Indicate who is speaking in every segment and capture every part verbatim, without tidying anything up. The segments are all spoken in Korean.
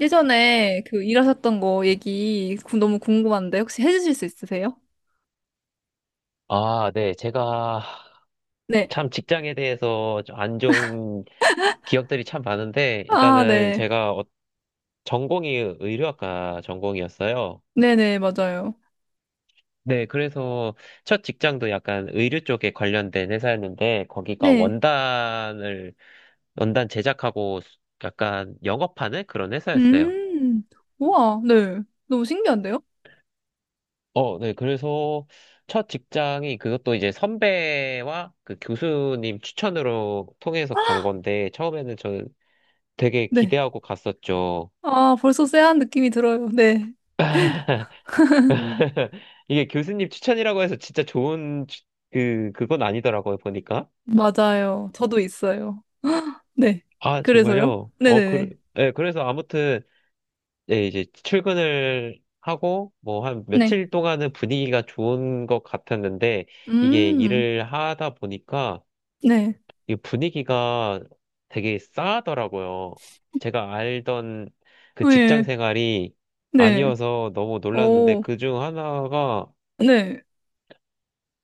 Speaker 1: 예전에 그 일하셨던 거 얘기 구- 너무 궁금한데 혹시 해주실 수 있으세요?
Speaker 2: 아, 네. 제가
Speaker 1: 네.
Speaker 2: 참 직장에 대해서 좀안 좋은 기억들이 참 많은데,
Speaker 1: 아,
Speaker 2: 일단은
Speaker 1: 네.
Speaker 2: 제가 어- 전공이 의료학과 전공이었어요.
Speaker 1: 네네, 맞아요.
Speaker 2: 네, 그래서 첫 직장도 약간 의료 쪽에 관련된 회사였는데, 거기가
Speaker 1: 네.
Speaker 2: 원단을, 원단 제작하고 수- 약간 영업하는 그런 회사였어요.
Speaker 1: 음, 우와, 네. 너무 신기한데요?
Speaker 2: 어, 네, 그래서 첫 직장이 그것도 이제 선배와 그 교수님 추천으로 통해서 간 건데, 처음에는 저는 되게
Speaker 1: 네.
Speaker 2: 기대하고 갔었죠.
Speaker 1: 아, 벌써 쎄한 느낌이 들어요. 네.
Speaker 2: 음. 이게 교수님 추천이라고 해서 진짜 좋은 추- 그 그건 아니더라고요 보니까.
Speaker 1: 맞아요. 저도 있어요. 네.
Speaker 2: 아,
Speaker 1: 그래서요?
Speaker 2: 정말요? 어, 그,
Speaker 1: 네네네.
Speaker 2: 예, 그래서 아무튼 예, 이제 출근을 하고 뭐 한
Speaker 1: 네.
Speaker 2: 며칠 동안은 분위기가 좋은 것 같았는데, 이게
Speaker 1: 음,
Speaker 2: 일을 하다 보니까
Speaker 1: 네.
Speaker 2: 이 분위기가 되게 싸하더라고요. 제가 알던 그 직장
Speaker 1: 네.
Speaker 2: 생활이
Speaker 1: 네.
Speaker 2: 아니어서 너무 놀랐는데,
Speaker 1: 오,
Speaker 2: 그 중 하나가
Speaker 1: 네.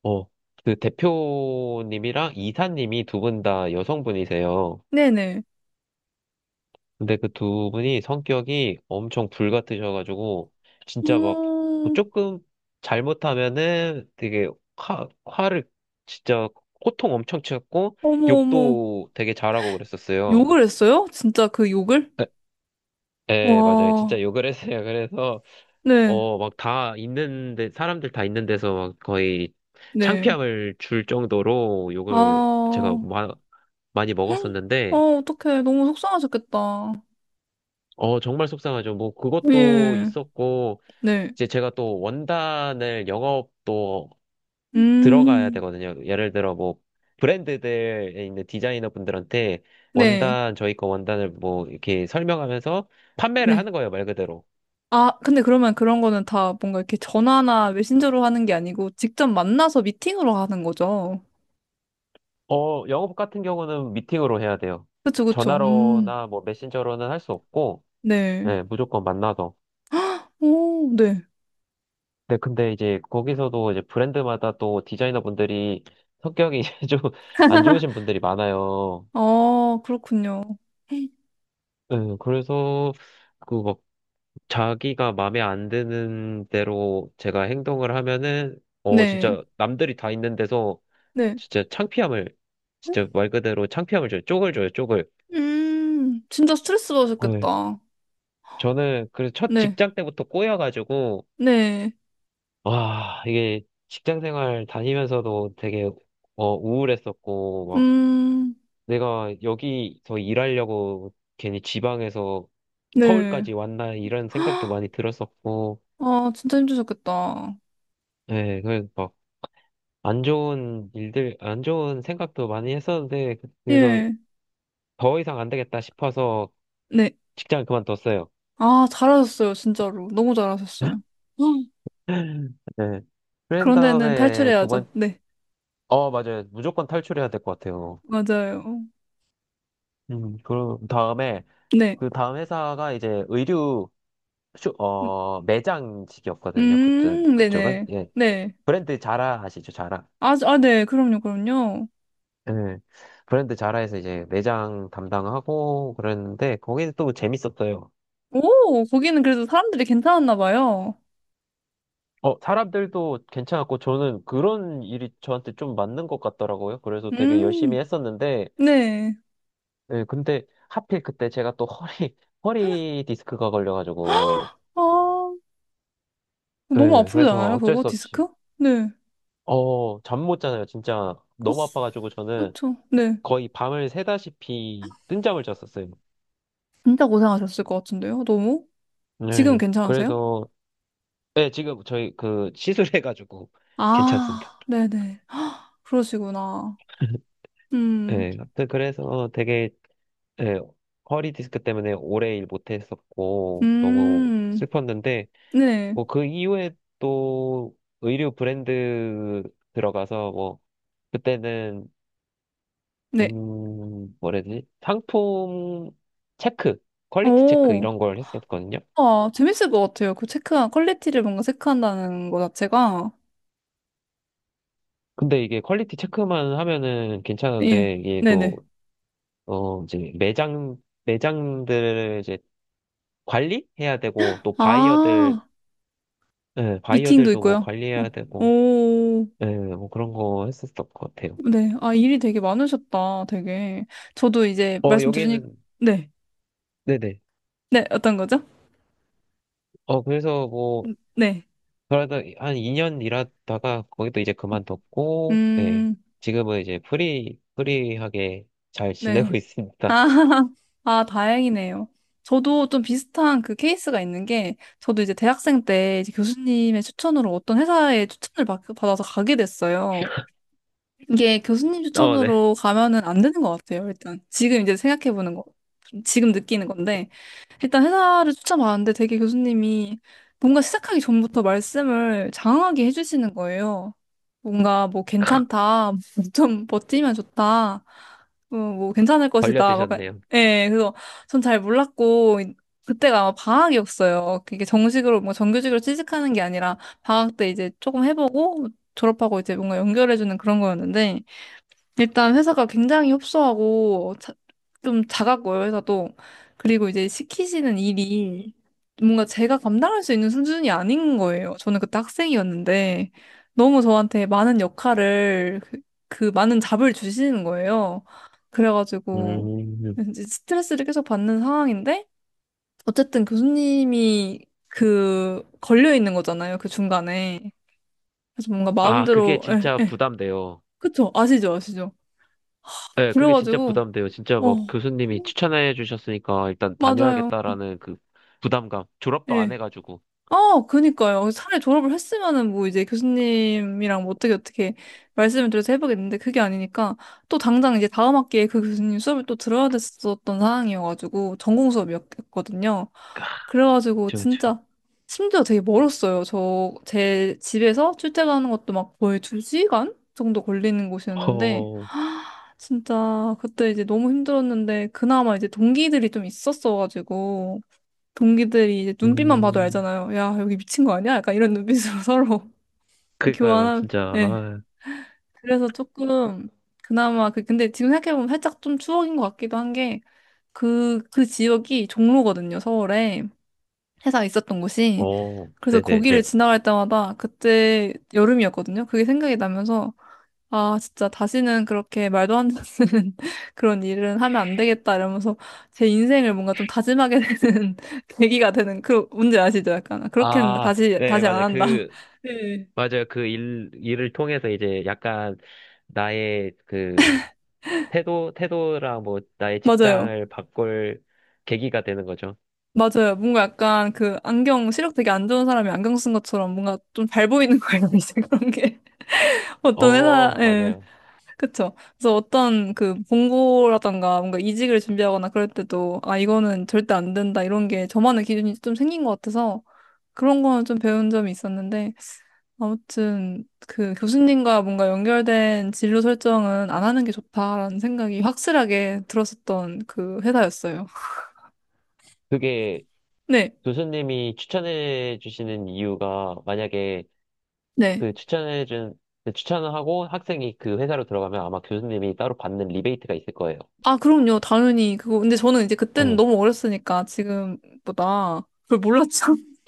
Speaker 2: 어, 그 대표님이랑 이사님이 두 분 다 여성분이세요.
Speaker 1: 네네.
Speaker 2: 근데 그 두 분이 성격이 엄청 불같으셔가지고, 진짜 막뭐
Speaker 1: 음,
Speaker 2: 조금 잘못하면은 되게 화, 화를 진짜 호통 엄청 치고,
Speaker 1: 어머, 어머.
Speaker 2: 욕도 되게 잘하고 그랬었어요.
Speaker 1: 욕을 했어요? 진짜 그 욕을?
Speaker 2: 에, 에, 맞아요.
Speaker 1: 와,
Speaker 2: 진짜 욕을 했어요. 그래서
Speaker 1: 네,
Speaker 2: 어, 막 다 있는데, 사람들 다 있는 데서 막 거의
Speaker 1: 네.
Speaker 2: 창피함을 줄 정도로
Speaker 1: 아,
Speaker 2: 욕을 제가
Speaker 1: 헉,
Speaker 2: 많이
Speaker 1: 아,
Speaker 2: 먹었었는데,
Speaker 1: 어떡해. 너무 속상하셨겠다.
Speaker 2: 어, 정말 속상하죠. 뭐, 그것도
Speaker 1: 예,
Speaker 2: 있었고,
Speaker 1: 네.
Speaker 2: 이제 제가 또 원단을 영업도 들어가야
Speaker 1: 음,
Speaker 2: 되거든요. 예를 들어, 뭐, 브랜드들에 있는 디자이너 분들한테
Speaker 1: 네,
Speaker 2: 원단, 저희 거 원단을 뭐, 이렇게 설명하면서 판매를
Speaker 1: 네.
Speaker 2: 하는 거예요, 말 그대로.
Speaker 1: 아, 근데 그러면 그런 거는 다 뭔가 이렇게 전화나 메신저로 하는 게 아니고 직접 만나서 미팅으로 하는 거죠.
Speaker 2: 어, 영업 같은 경우는 미팅으로 해야 돼요.
Speaker 1: 그쵸, 그쵸. 음,
Speaker 2: 전화로나 뭐, 메신저로는 할 수 없고,
Speaker 1: 네.
Speaker 2: 예, 무조건 만나서.
Speaker 1: 오, 네.
Speaker 2: 네, 근데 이제 거기서도 이제 브랜드마다 또 디자이너분들이 성격이 좀 안 좋으신 분들이 많아요.
Speaker 1: 아, 그렇군요.
Speaker 2: 네, 그래서 그 막 자기가 마음에 안 드는 대로 제가 행동을 하면은 어
Speaker 1: 네,
Speaker 2: 진짜 남들이 다 있는 데서
Speaker 1: 네.
Speaker 2: 진짜 창피함을 진짜 말 그대로 창피함을 줘요. 쪽을 줘요, 쪽을.
Speaker 1: 음, 진짜 스트레스
Speaker 2: 네.
Speaker 1: 받으셨겠다.
Speaker 2: 저는 그래서 첫
Speaker 1: 네,
Speaker 2: 직장 때부터 꼬여가지고
Speaker 1: 네.
Speaker 2: 와 이게 직장 생활 다니면서도 되게 어 우울했었고,
Speaker 1: 음,
Speaker 2: 내가 여기서 일하려고 괜히 지방에서
Speaker 1: 네.
Speaker 2: 서울까지 왔나 이런 생각도 많이 들었었고,
Speaker 1: 아, 진짜 힘드셨겠다.
Speaker 2: 예, 그래서 막안 좋은 일들, 안 좋은 생각도 많이 했었는데, 그래서
Speaker 1: 예.
Speaker 2: 더 이상 안 되겠다 싶어서
Speaker 1: 네.
Speaker 2: 직장을 그만뒀어요.
Speaker 1: 아, 잘하셨어요, 진짜로. 너무 잘하셨어요. 헉,
Speaker 2: 네. 그런
Speaker 1: 그런 데는
Speaker 2: 다음에 두
Speaker 1: 탈출해야죠.
Speaker 2: 번,
Speaker 1: 네.
Speaker 2: 어, 맞아요. 무조건 탈출해야 될 것 같아요.
Speaker 1: 맞아요.
Speaker 2: 음, 그 다음에,
Speaker 1: 네.
Speaker 2: 그 다음 회사가 이제 의류, 쇼,
Speaker 1: 음,
Speaker 2: 어, 매장직이었거든요. 그쪽,
Speaker 1: 음,
Speaker 2: 그쪽은.
Speaker 1: 네네.
Speaker 2: 예.
Speaker 1: 네.
Speaker 2: 브랜드 자라 아시죠? 자라.
Speaker 1: 아, 아, 네. 그럼요, 그럼요.
Speaker 2: 예. 브랜드 자라에서 이제 매장 담당하고 그랬는데 거기는 또 재밌었어요.
Speaker 1: 오, 거기는 그래도 사람들이 괜찮았나 봐요.
Speaker 2: 어, 사람들도 괜찮았고 저는 그런 일이 저한테 좀 맞는 것 같더라고요. 그래서 되게
Speaker 1: 음,
Speaker 2: 열심히 했었는데
Speaker 1: 네.
Speaker 2: 예, 근데 하필 그때 제가 또 허리 허리 디스크가 걸려가지고
Speaker 1: 아, 너무
Speaker 2: 예,
Speaker 1: 아프지
Speaker 2: 그래서
Speaker 1: 않아요,
Speaker 2: 어쩔
Speaker 1: 그거?
Speaker 2: 수 없이
Speaker 1: 디스크? 네.
Speaker 2: 어, 잠 못 자요. 진짜
Speaker 1: 아,
Speaker 2: 너무 아파가지고 저는
Speaker 1: 그렇죠. 네.
Speaker 2: 거의 밤을 새다시피 뜬 잠을 잤었어요.
Speaker 1: 진짜 고생하셨을 것 같은데요, 너무? 지금
Speaker 2: 네,
Speaker 1: 괜찮으세요?
Speaker 2: 그래서 네, 지금 저희 그 시술해가지고 괜찮습니다.
Speaker 1: 아, 네네. 그러시구나. 음,
Speaker 2: 네, 튼 그래서 되게 네, 허리 디스크 때문에 오래 일 못했었고 너무
Speaker 1: 음,
Speaker 2: 슬펐는데
Speaker 1: 네,
Speaker 2: 뭐 그 이후에 또 의류 브랜드 들어가서 뭐 그때는
Speaker 1: 네.
Speaker 2: 음 뭐라지 상품 체크 퀄리티 체크
Speaker 1: 오,
Speaker 2: 이런 걸 했었거든요.
Speaker 1: 아, 재밌을 것 같아요. 그 체크한, 퀄리티를 뭔가 체크한다는 거 자체가.
Speaker 2: 근데 이게 퀄리티 체크만 하면은
Speaker 1: 예,
Speaker 2: 괜찮은데 이게 또
Speaker 1: 네네.
Speaker 2: 어 이제 매장 매장들 관리해야 되고 또 바이어들
Speaker 1: 아,
Speaker 2: 예,
Speaker 1: 미팅도
Speaker 2: 바이어들도 뭐
Speaker 1: 있고요. 어,
Speaker 2: 관리해야 되고
Speaker 1: 오,
Speaker 2: 예, 뭐 그런 거 했었을 것 같아요.
Speaker 1: 네. 아, 일이 되게 많으셨다, 되게. 저도 이제
Speaker 2: 어
Speaker 1: 말씀 들으니,
Speaker 2: 여기는
Speaker 1: 네.
Speaker 2: 네네.
Speaker 1: 네, 어떤 거죠?
Speaker 2: 어 그래서 뭐
Speaker 1: 음, 네.
Speaker 2: 그러다한 이 년 일하다가 거기도 이제 그만뒀고 네
Speaker 1: 음,
Speaker 2: 지금은 이제 프리 프리하게 잘 지내고
Speaker 1: 네.
Speaker 2: 있습니다.
Speaker 1: 아, 아, 다행이네요. 저도 좀 비슷한 그 케이스가 있는 게, 저도 이제 대학생 때 이제 교수님의 추천으로 어떤 회사에 추천을 받, 받아서 가게 됐어요. 이게 교수님
Speaker 2: 어 네.
Speaker 1: 추천으로 가면은 안 되는 것 같아요, 일단. 지금 이제 생각해보는 거. 지금 느끼는 건데. 일단 회사를 추천받았는데 되게 교수님이 뭔가 시작하기 전부터 말씀을 장황하게 해주시는 거예요. 뭔가 뭐 괜찮다, 좀 버티면 좋다, 어, 뭐 괜찮을
Speaker 2: 걸려
Speaker 1: 것이다. 막,
Speaker 2: 드셨네요.
Speaker 1: 예, 그래서 전 잘 몰랐고, 그때가 아마 방학이었어요. 그게 정식으로, 뭐 정규직으로 취직하는 게 아니라 방학 때 이제 조금 해보고 졸업하고 이제 뭔가 연결해주는 그런 거였는데 일단 회사가 굉장히 협소하고 자- 좀 작았고요, 회사도. 그리고 이제 시키시는 일이 뭔가 제가 감당할 수 있는 수준이 아닌 거예요. 저는 그때 학생이었는데 너무 저한테 많은 역할을 그, 그 많은 잡을 주시는 거예요. 그래가지고
Speaker 2: 음.
Speaker 1: 이제 스트레스를 계속 받는 상황인데 어쨌든 교수님이 그 걸려 있는 거잖아요, 그 중간에. 그래서 뭔가
Speaker 2: 아 그게
Speaker 1: 마음대로 예,
Speaker 2: 진짜
Speaker 1: 예,
Speaker 2: 부담돼요.
Speaker 1: 그쵸? 아시죠? 아시죠?
Speaker 2: 네, 그게 진짜
Speaker 1: 그래가지고,
Speaker 2: 부담돼요. 진짜 막
Speaker 1: 어,
Speaker 2: 교수님이 추천해 주셨으니까 일단
Speaker 1: 맞아요.
Speaker 2: 다녀야겠다라는 그 부담감. 졸업도 안
Speaker 1: 예.
Speaker 2: 해가지고.
Speaker 1: 아, 그니까요. 차라리 졸업을 했으면은 뭐 이제 교수님이랑 뭐 어떻게 어떻게 말씀을 드려서 해보겠는데 그게 아니니까 또 당장 이제 다음 학기에 그 교수님 수업을 또 들어야 됐었던 상황이어가지고 전공 수업이었거든요. 그래가지고
Speaker 2: 그쵸, 그쵸.
Speaker 1: 진짜 심지어 되게 멀었어요. 저 제 집에서 출퇴근하는 것도 막 거의 두 시간 정도 걸리는 곳이었는데
Speaker 2: 허,
Speaker 1: 진짜 그때 이제 너무 힘들었는데 그나마 이제 동기들이 좀 있었어가지고 동기들이 이제 눈빛만 봐도
Speaker 2: 음,
Speaker 1: 알잖아요. 야 여기 미친 거 아니야? 약간 이런 눈빛으로 서로
Speaker 2: 그니까요,
Speaker 1: 교환한.
Speaker 2: 진짜.
Speaker 1: 네.
Speaker 2: 아
Speaker 1: 그래서 조금 그나마 그 근데 지금 생각해보면 살짝 좀 추억인 것 같기도 한 게 그 그 지역이 종로거든요. 서울에 회사 있었던 곳이.
Speaker 2: 어,
Speaker 1: 그래서 거기를
Speaker 2: 네네네.
Speaker 1: 지나갈 때마다 그때 여름이었거든요. 그게 생각이 나면서 아, 진짜 다시는 그렇게 말도 안 되는 그런 일은 하면 안 되겠다 이러면서 제 인생을 뭔가 좀 다짐하게 되는 계기가 되는 그 문제 아시죠? 약간 아, 그렇게는
Speaker 2: 아,
Speaker 1: 다시
Speaker 2: 네,
Speaker 1: 다시 안
Speaker 2: 맞아요.
Speaker 1: 한다.
Speaker 2: 그,
Speaker 1: 네.
Speaker 2: 맞아요. 그 일, 일을 통해서 이제 약간 나의 그 태도, 태도랑 뭐 나의
Speaker 1: 맞아요.
Speaker 2: 직장을 바꿀 계기가 되는 거죠.
Speaker 1: 맞아요. 뭔가 약간 그 안경 시력 되게 안 좋은 사람이 안경 쓴 것처럼 뭔가 좀 잘 보이는 거예요. 이제 그런 게 어떤 회사
Speaker 2: 어,
Speaker 1: 예.
Speaker 2: 맞아요.
Speaker 1: 그쵸. 그래서 어떤 그 봉고라던가 뭔가 이직을 준비하거나 그럴 때도 아, 이거는 절대 안 된다 이런 게 저만의 기준이 좀 생긴 것 같아서 그런 거는 좀 배운 점이 있었는데 아무튼 그 교수님과 뭔가 연결된 진로 설정은 안 하는 게 좋다라는 생각이 확실하게 들었었던 그 회사였어요.
Speaker 2: 그게
Speaker 1: 네,
Speaker 2: 교수님이 추천해 주시는 이유가 만약에
Speaker 1: 네.
Speaker 2: 그 추천해 준, 그 추천을 하고 학생이 그 회사로 들어가면 아마 교수님이 따로 받는 리베이트가 있을 거예요.
Speaker 1: 아, 그럼요. 당연히 그거. 근데 저는 이제 그때는
Speaker 2: 네.
Speaker 1: 너무 어렸으니까 지금보다 그걸 몰랐죠.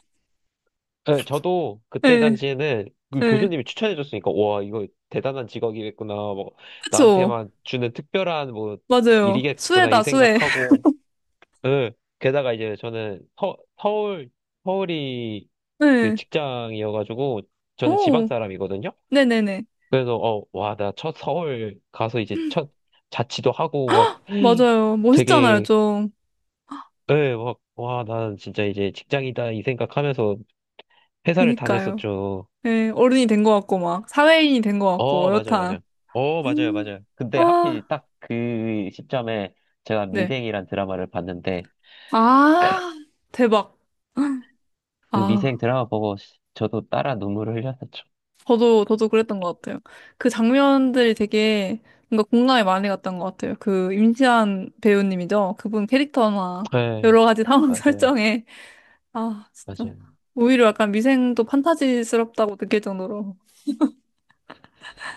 Speaker 2: 네, 저도 그때
Speaker 1: 네,
Speaker 2: 당시에는 그
Speaker 1: 네.
Speaker 2: 교수님이 추천해 줬으니까 와, 이거 대단한 직업이겠구나. 뭐
Speaker 1: 그쵸.
Speaker 2: 나한테만 주는 특별한 뭐
Speaker 1: 맞아요.
Speaker 2: 일이겠구나 이
Speaker 1: 수혜다, 수혜.
Speaker 2: 생각하고 네. 게다가 이제 저는 서, 서울 서울이 그
Speaker 1: 네.
Speaker 2: 직장이어가지고 저는 지방
Speaker 1: 오,
Speaker 2: 사람이거든요.
Speaker 1: 네네네.
Speaker 2: 그래서 어, 와, 나 첫 서울 가서 이제 첫 자취도 하고 막
Speaker 1: 맞아요. 멋있잖아요,
Speaker 2: 되게
Speaker 1: 좀.
Speaker 2: 예, 막 와, 난 진짜 이제 직장이다 이 생각하면서 회사를
Speaker 1: 그니까요.
Speaker 2: 다녔었죠.
Speaker 1: 네, 어른이 된 것 같고, 막, 사회인이 된 것 같고,
Speaker 2: 어, 맞아요,
Speaker 1: 어엿한.
Speaker 2: 맞아요. 어, 맞아요,
Speaker 1: 음.
Speaker 2: 맞아요. 근데 하필
Speaker 1: 아,
Speaker 2: 딱 그 시점에 제가
Speaker 1: 네.
Speaker 2: 미생이란 드라마를 봤는데
Speaker 1: 아, 대박.
Speaker 2: 그 미생
Speaker 1: 아,
Speaker 2: 드라마 보고 저도 따라 눈물을 흘렸었죠.
Speaker 1: 저도, 저도 그랬던 것 같아요. 그 장면들이 되게 뭔가 공감이 많이 갔던 것 같아요. 그 임시완 배우님이죠. 그분 캐릭터나
Speaker 2: 네
Speaker 1: 여러 가지 상황
Speaker 2: 맞아요,
Speaker 1: 설정에. 아, 진짜.
Speaker 2: 맞아요.
Speaker 1: 오히려 약간 미생도 판타지스럽다고 느낄 정도로.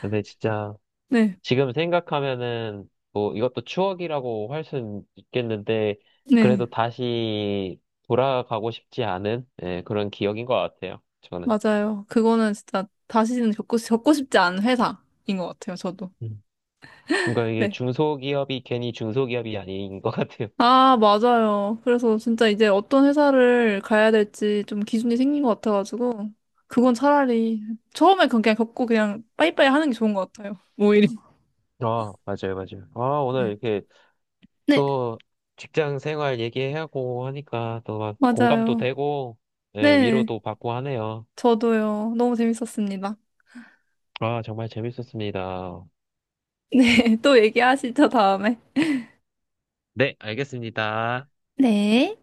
Speaker 2: 근데 진짜
Speaker 1: 네,
Speaker 2: 지금 생각하면은 뭐 이것도 추억이라고 할 수는 있겠는데 그래도
Speaker 1: 네.
Speaker 2: 다시 돌아가고 싶지 않은 예, 그런 기억인 것 같아요. 저는.
Speaker 1: 맞아요. 그거는 진짜 다시는 겪고, 겪고 싶지 않은 회사인 것 같아요, 저도.
Speaker 2: 음. 그러니까 이게
Speaker 1: 네.
Speaker 2: 중소기업이 괜히 중소기업이 아닌 것 같아요.
Speaker 1: 아, 맞아요. 그래서 진짜 이제 어떤 회사를 가야 될지 좀 기준이 생긴 것 같아가지고, 그건 차라리 처음에 그건 그냥 겪고 그냥 빠이빠이 하는 게 좋은 것 같아요. 오히려.
Speaker 2: 아, 맞아요, 맞아요. 아, 오늘
Speaker 1: 네.
Speaker 2: 이렇게
Speaker 1: 네,
Speaker 2: 또 직장 생활 얘기하고 하니까 또 막 공감도
Speaker 1: 맞아요.
Speaker 2: 되고 예,
Speaker 1: 네,
Speaker 2: 위로도 받고 하네요.
Speaker 1: 저도요. 너무 재밌었습니다.
Speaker 2: 아, 정말 재밌었습니다.
Speaker 1: 네, 또 얘기하시죠, 다음에.
Speaker 2: 네, 알겠습니다.
Speaker 1: 네.